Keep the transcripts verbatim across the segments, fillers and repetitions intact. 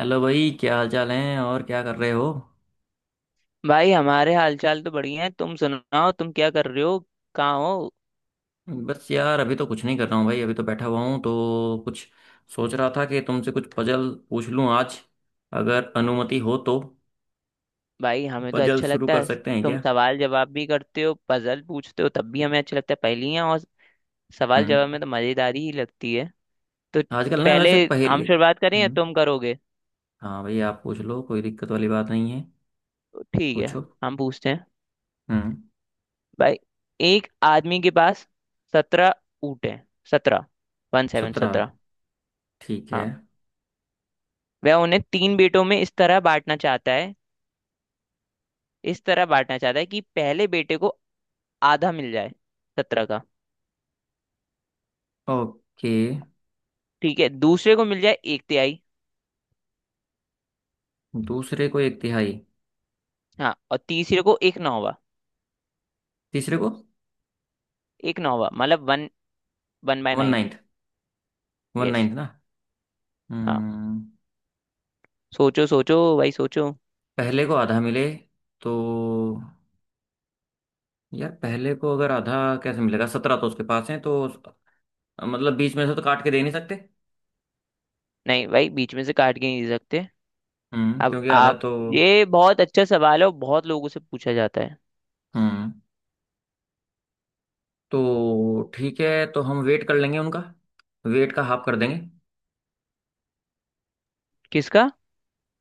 Hello भाई, क्या हाल चाल है और क्या कर रहे हो? भाई हमारे हालचाल तो बढ़िया है। तुम सुनाओ, तुम क्या कर रहे हो? कहाँ हो? बस यार, अभी तो कुछ नहीं कर रहा हूँ भाई। अभी तो बैठा हुआ हूँ तो कुछ सोच रहा था कि तुमसे कुछ पजल पूछ लूँ आज, अगर अनुमति हो तो। भाई हमें तो पजल अच्छा शुरू लगता कर है। सकते हैं तुम क्या? सवाल जवाब भी करते हो, पजल पूछते हो, तब भी हमें अच्छा लगता है। पहेलियाँ और सवाल जवाब हम्म। में तो मजेदारी ही लगती है। तो आजकल ना, पहले वैसे हम पहेली। शुरुआत करें या हम्म। तुम करोगे? हाँ भाई, आप पूछ लो, कोई दिक्कत वाली बात नहीं है। ठीक है, पूछो। हम पूछते हैं। हम्म। भाई, एक आदमी के पास सत्रह ऊँट हैं। सत्रह, वन सेवन सत्रह। सत्रह ठीक है। हाँ। वह उन्हें तीन बेटों में इस तरह बांटना चाहता है, इस तरह बांटना चाहता है कि पहले बेटे को आधा मिल जाए, सत्रह का। ओके। ठीक है, दूसरे को मिल जाए एक तिहाई। दूसरे को एक तिहाई। हाँ, और तीसरे को एक नौवा। तीसरे को एक नौवा मतलब one, one by one nine. Ninth. One yes. Ninth ना? हाँ। हम्म। सोचो सोचो भाई सोचो। पहले को आधा मिले तो। यार पहले को अगर आधा कैसे मिलेगा? सत्रह तो उसके पास है तो उस- मतलब बीच में से तो काट के दे नहीं सकते। नहीं भाई, बीच में से काट के नहीं दे सकते। हम्म अब क्योंकि आधा आप। तो। ये बहुत अच्छा सवाल है और बहुत लोगों से पूछा जाता है। हम्म। तो ठीक है, तो हम वेट कर लेंगे उनका, वेट का हाफ कर देंगे। किसका?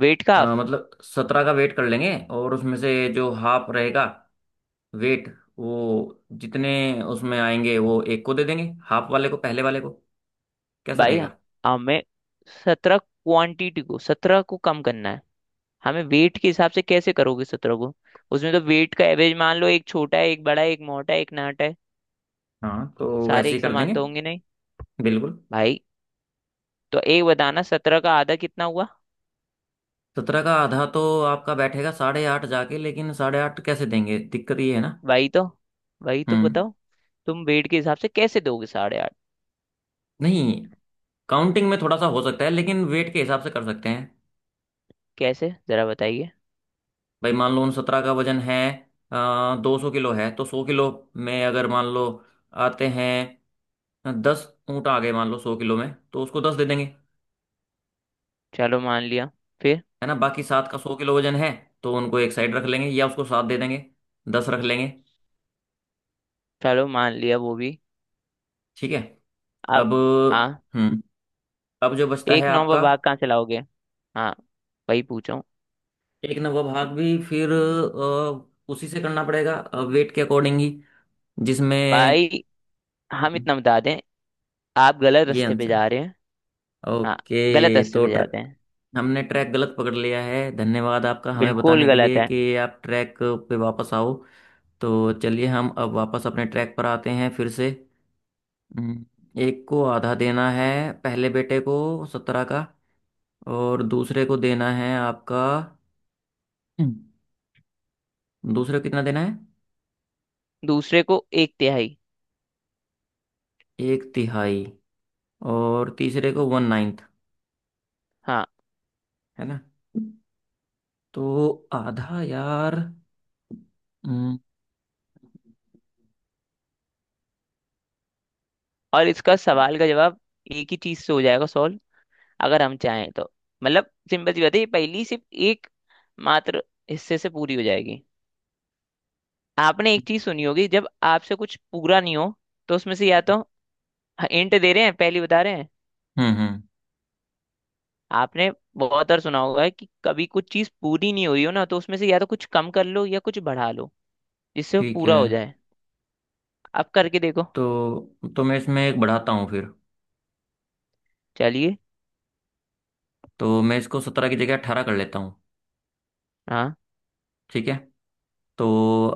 वेट का अ, हाफ? मतलब सत्रह का वेट कर लेंगे और उसमें से जो हाफ रहेगा वेट, वो जितने उसमें आएंगे वो एक को दे देंगे, हाफ वाले को, पहले वाले को। कैसा भाई, रहेगा? हमें सत्रह क्वांटिटी को, सत्रह को कम करना है। हमें वेट के हिसाब से कैसे करोगे सत्रह को? उसमें तो वेट का एवरेज मान लो, एक छोटा है, एक बड़ा है, एक मोटा है, एक नाटा है। हाँ, तो सारे वैसे ही एक कर समान देंगे। तो होंगे नहीं बिल्कुल। भाई। तो एक बताना, सत्रह का आधा कितना हुआ। सत्रह का आधा तो आपका बैठेगा साढ़े आठ जाके, लेकिन साढ़े आठ कैसे देंगे? दिक्कत ये है ना। वही तो। वही तो हम्म। बताओ। तुम वेट के हिसाब से कैसे दोगे साढ़े आठ? नहीं, काउंटिंग में थोड़ा सा हो सकता है लेकिन वेट के हिसाब से कर सकते हैं। कैसे जरा बताइए। भाई, मान लो उन सत्रह का वजन है दो सौ किलो है, तो सौ किलो में अगर मान लो आते हैं दस ऊँट आ गए मान लो सौ किलो में, तो उसको दस दे देंगे। चलो मान लिया, फिर? है ना, बाकी सात का सौ किलो वजन है, तो उनको एक साइड रख लेंगे या उसको सात दे देंगे, दस रख लेंगे। चलो मान लिया वो भी। ठीक है। अब। अब। हाँ, हम्म। अब जो बचता है एक नंबर आपका, भाग कहाँ से लाओगे। हाँ वही पूछो। एक नवा भाग भी फिर अ, उसी से करना पड़ेगा वेट के अकॉर्डिंग ही, जिसमें। भाई, हम इतना बता दें, आप गलत ये रास्ते पे आंसर है। जा रहे हैं। हाँ, गलत ओके। रास्ते तो पे ट्र, जाते हैं। हमने ट्रैक गलत पकड़ लिया है, धन्यवाद आपका हमें बिल्कुल बताने के गलत लिए है। कि आप ट्रैक पे वापस आओ। तो चलिए हम अब वापस अपने ट्रैक पर आते हैं फिर से। हम्म। एक को आधा देना है, पहले बेटे को सत्रह का। और दूसरे को देना है आपका। हम्म। दूसरे को कितना देना है? दूसरे को एक तिहाई। एक तिहाई। और तीसरे को वन नाइन्थ। हाँ। है ना। तो आधा यार। हम्म। और इसका सवाल का जवाब एक ही चीज से हो जाएगा सॉल्व, अगर हम चाहें तो। मतलब सिंपल सी बात है, ये पहेली सिर्फ एक मात्र हिस्से से पूरी हो जाएगी। आपने एक चीज सुनी होगी, जब आपसे कुछ पूरा नहीं हो तो उसमें से या तो। इंट दे रहे हैं, पहली बता रहे हैं। हम्म। हम्म। आपने बहुत बार सुना होगा कि कभी कुछ चीज पूरी नहीं हो रही हो ना, तो उसमें से या तो कुछ कम कर लो या कुछ बढ़ा लो, जिससे वो ठीक पूरा है। हो जाए। आप करके देखो। तो तो मैं इसमें एक बढ़ाता हूँ फिर। चलिए। तो मैं इसको सत्रह की जगह अट्ठारह कर लेता हूँ। हाँ ठीक है। तो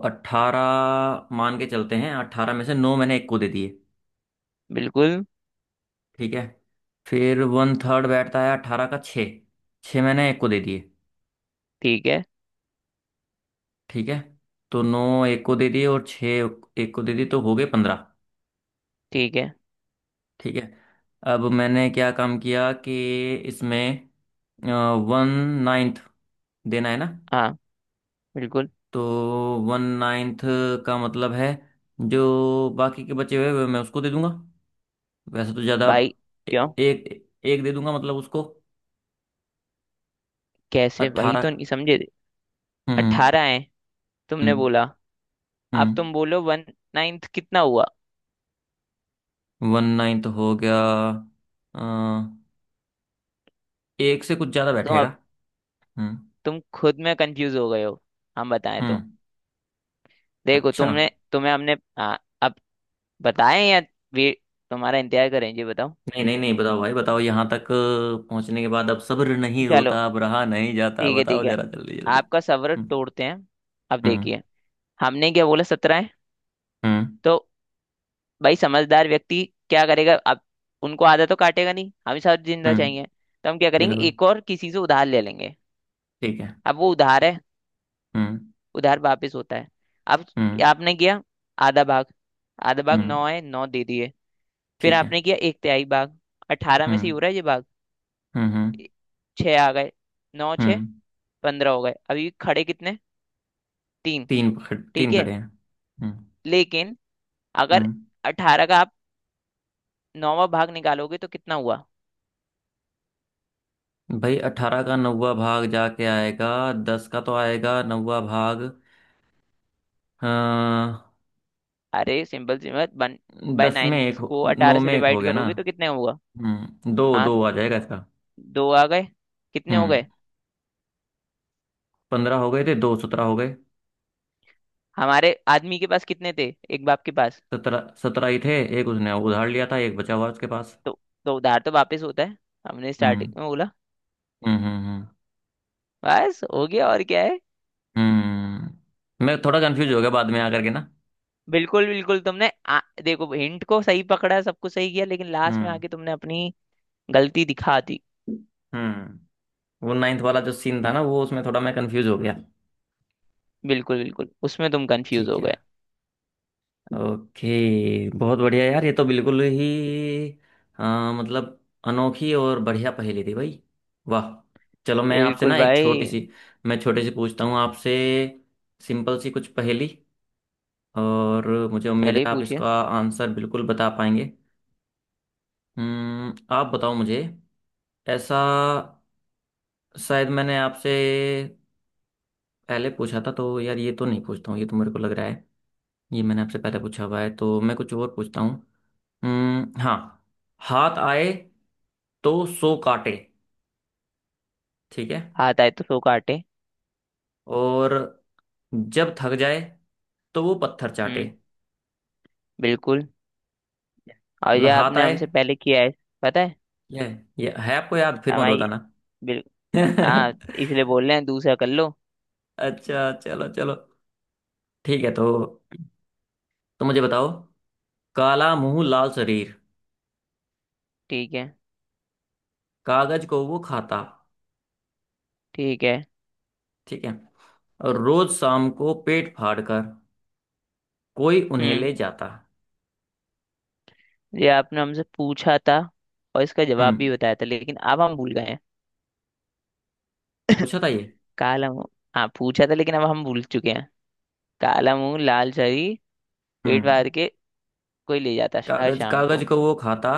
अट्ठारह मान के चलते हैं, अट्ठारह में से नौ मैंने एक को दे दिए। बिल्कुल। ठीक है। फिर वन थर्ड बैठता है अट्ठारह का छः। छः मैंने एक को दे दिए। ठीक है, ठीक है। तो नौ एक को दे दिए और छः एक को दे दिए तो हो गए पंद्रह। ठीक है। ठीक है। अब मैंने क्या काम किया कि इसमें वन नाइन्थ देना है ना। हाँ बिल्कुल तो वन नाइन्थ का मतलब है जो बाकी के बचे हुए वे मैं उसको दे दूंगा। वैसे तो ज़्यादा। भाई। ए- क्यों? एक एक दे दूंगा मतलब उसको। कैसे, वही अट्ठारह। तो नहीं समझे। हम्म। अट्ठारह है, तुमने हम्म। बोला। अब हम्म। तुम बोलो, वन नाइन्थ कितना हुआ। वन नाइन्थ हो गया। अ, एक से कुछ ज़्यादा तुम अब। बैठेगा। हम्म। तुम खुद में कंफ्यूज हो गए हो। हम बताएं हम्म। तो? देखो अच्छा। तुमने, तुम्हें हमने। हाँ, अब बताएं या वे तुम्हारा इंतजार करें? जी बताओ। नहीं, नहीं, नहीं, बताओ भाई, बताओ। यहाँ तक अ, पहुँचने के बाद अब सब्र नहीं चलो, रोता, अब रहा नहीं जाता, ठीक है बताओ ठीक है। जरा जल्दी जल्दी। आपका सब्र हम्म। तोड़ते हैं। अब हम्म। देखिए, हमने क्या बोला, सत्रह है। हम्म। तो भाई समझदार व्यक्ति क्या करेगा अब? उनको आधा तो काटेगा नहीं, हम ही साथ जिंदा हम्म। चाहिए, तो हम क्या करेंगे, बिल्कुल। एक और किसी से उधार ले लेंगे। ठीक है। अब वो उधार है, हम्म। उधार वापस होता है। अब हम्म। आपने किया आधा भाग, आधा भाग नौ हम्म। है, नौ दे दिए। फिर ठीक है। आपने किया एक तिहाई भाग, अठारह में से ही हम्म। हो रहा है ये भाग। हम्म। हम्म। छः आ गए। नौ, छः, हम्म। पंद्रह हो गए, अभी खड़े कितने? तीन। तीन पकड़ ठीक तीन है, खड़े हैं। हम्म। लेकिन अगर हम्म। अठारह का आप नौवां भाग निकालोगे तो कितना हुआ? भाई अठारह का नौवा भाग जाके आएगा। दस का तो आएगा नौवा भाग। अ, अरे सिंपल सी बात, वन बाय दस में एक नाइन्थ हो- को नौ अठारह से में एक हो डिवाइड गया ना। करोगे तो कितने होगा? हम्म दो हाँ, दो आ जाएगा इसका। दो आ गए। कितने हो हम्म। गए? पंद्रह हो गए थे, दो, सत्रह हो गए। हमारे आदमी के पास कितने थे, एक बाप के पास? सत्रह सत्रह ही थे। एक उसने उधार लिया था, एक बचा हुआ है उसके पास। तो तो उधार तो वापस होता है, हमने हम्म। स्टार्टिंग में बोला। हम्म। हम्म। हम्म। बस हो गया, और क्या है। हम्म। मैं थोड़ा कंफ्यूज हो गया बाद में आकर के ना। बिल्कुल बिल्कुल, तुमने आ, देखो, हिंट को सही पकड़ा, सब कुछ सही किया, लेकिन लास्ट में हम्म। आके तुमने अपनी गलती दिखा दी। हम्म। वो नाइन्थ वाला जो सीन था ना, वो उसमें थोड़ा मैं कंफ्यूज हो गया। बिल्कुल बिल्कुल, उसमें तुम कंफ्यूज ठीक हो है। गए। ओके। बहुत बढ़िया यार, ये तो बिल्कुल ही अ, मतलब अनोखी और बढ़िया पहेली थी भाई। वाह। चलो, मैं आपसे बिल्कुल ना एक भाई। छोटी सी, मैं छोटी सी पूछता हूँ आपसे। सिंपल सी कुछ पहेली। और मुझे उम्मीद है चलिए आप पूछिए। इसका आंसर बिल्कुल बता पाएंगे। हम्म, आप बताओ मुझे। ऐसा। शायद मैंने आपसे पहले पूछा था तो यार, ये तो नहीं पूछता हूँ, ये तो मेरे को लग रहा है। ये मैंने आपसे पहले पूछा हुआ है तो मैं कुछ और पूछता हूँ। हम्म, हाँ। हाथ आए तो सो काटे। ठीक है। हाथ आए तो सो काटे। और जब थक जाए तो वो पत्थर चाटे। हम्म, बिल्कुल। और ये मतलब हाथ आपने आए। हमसे पहले किया है, पता है। ये ये है आपको याद, फिर मत हमारी बताना। बिल। हाँ, इसलिए बोल रहे हैं दूसरा कर लो। अच्छा, चलो चलो। ठीक है तो। तो मुझे बताओ। काला मुंह लाल शरीर। ठीक है, कागज को वो खाता। ठीक है। ठीक है। और रोज शाम को पेट फाड़ कर कोई उन्हें हम्म। ले जाता। ये आपने हमसे पूछा था और इसका जवाब हम्म। भी बताया था, लेकिन अब हम भूल गए हैं। पूछा था ये? काला मुंह। हाँ पूछा था, लेकिन अब हम भूल चुके हैं। काला मुंह लाल शरीर, पेट फाड़ हम्म। के कोई ले जाता श- हर कागज शाम कागज को। को वो खाता।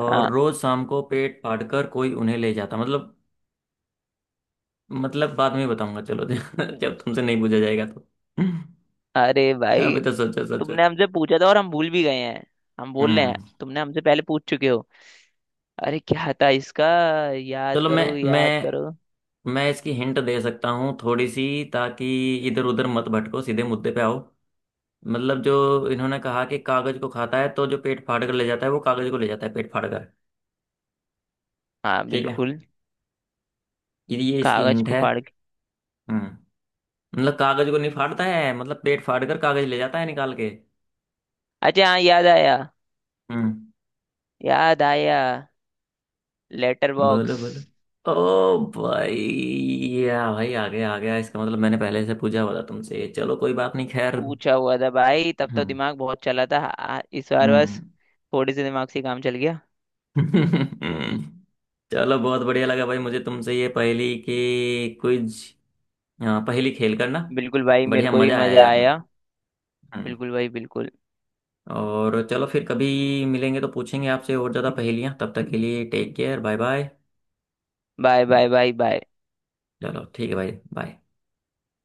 और हाँ। रोज शाम को पेट फाड़ कर कोई उन्हें ले जाता, मतलब। मतलब बाद में बताऊंगा, चलो। जब तुमसे नहीं पूछा जाएगा तो। अरे भाई, अभी तो सोचो सोचो। तुमने हमसे पूछा था और हम भूल भी गए हैं। हम बोल रहे हैं हम्म। तुमने हमसे पहले पूछ चुके हो। अरे क्या था इसका? याद चलो मैं करो, याद करो। मैं मैं इसकी हिंट दे सकता हूँ थोड़ी सी। ताकि इधर उधर मत भटको, सीधे मुद्दे पे आओ। मतलब जो इन्होंने कहा कि कागज को खाता है, तो जो पेट फाड़ कर ले जाता है, वो कागज को ले जाता है पेट फाड़ कर। हाँ ठीक है। बिल्कुल। ये ये इसकी कागज हिंट को है। फाड़ के। हम्म। मतलब कागज को नहीं फाड़ता है, मतलब पेट फाड़ कर कागज ले जाता है निकाल के। अच्छा हाँ, याद आया, हम्म। याद आया। लेटर बोलो बॉक्स। बोलो। ओ भाई। या भाई, आ गया आ गया, इसका मतलब मैंने पहले से पूछा हुआ था तुमसे। चलो कोई बात नहीं, खैर। पूछा हुआ था भाई, तब तो हम्म। दिमाग बहुत चला था, आ, इस बार हम्म। बस थोड़े से दिमाग से ही काम चल गया। चलो, बहुत बढ़िया लगा भाई मुझे तुमसे ये पहेली की क्विज, पहेली खेल करना। बिल्कुल भाई, मेरे बढ़िया को भी मजा आया मजा यार मुझे। आया। हम्म। बिल्कुल भाई बिल्कुल। और चलो, फिर कभी मिलेंगे तो पूछेंगे आपसे और ज़्यादा पहेलियाँ। तब तक के लिए take care, bye bye. Bye bye, bye bye. चलो ठीक है भाई, बाय।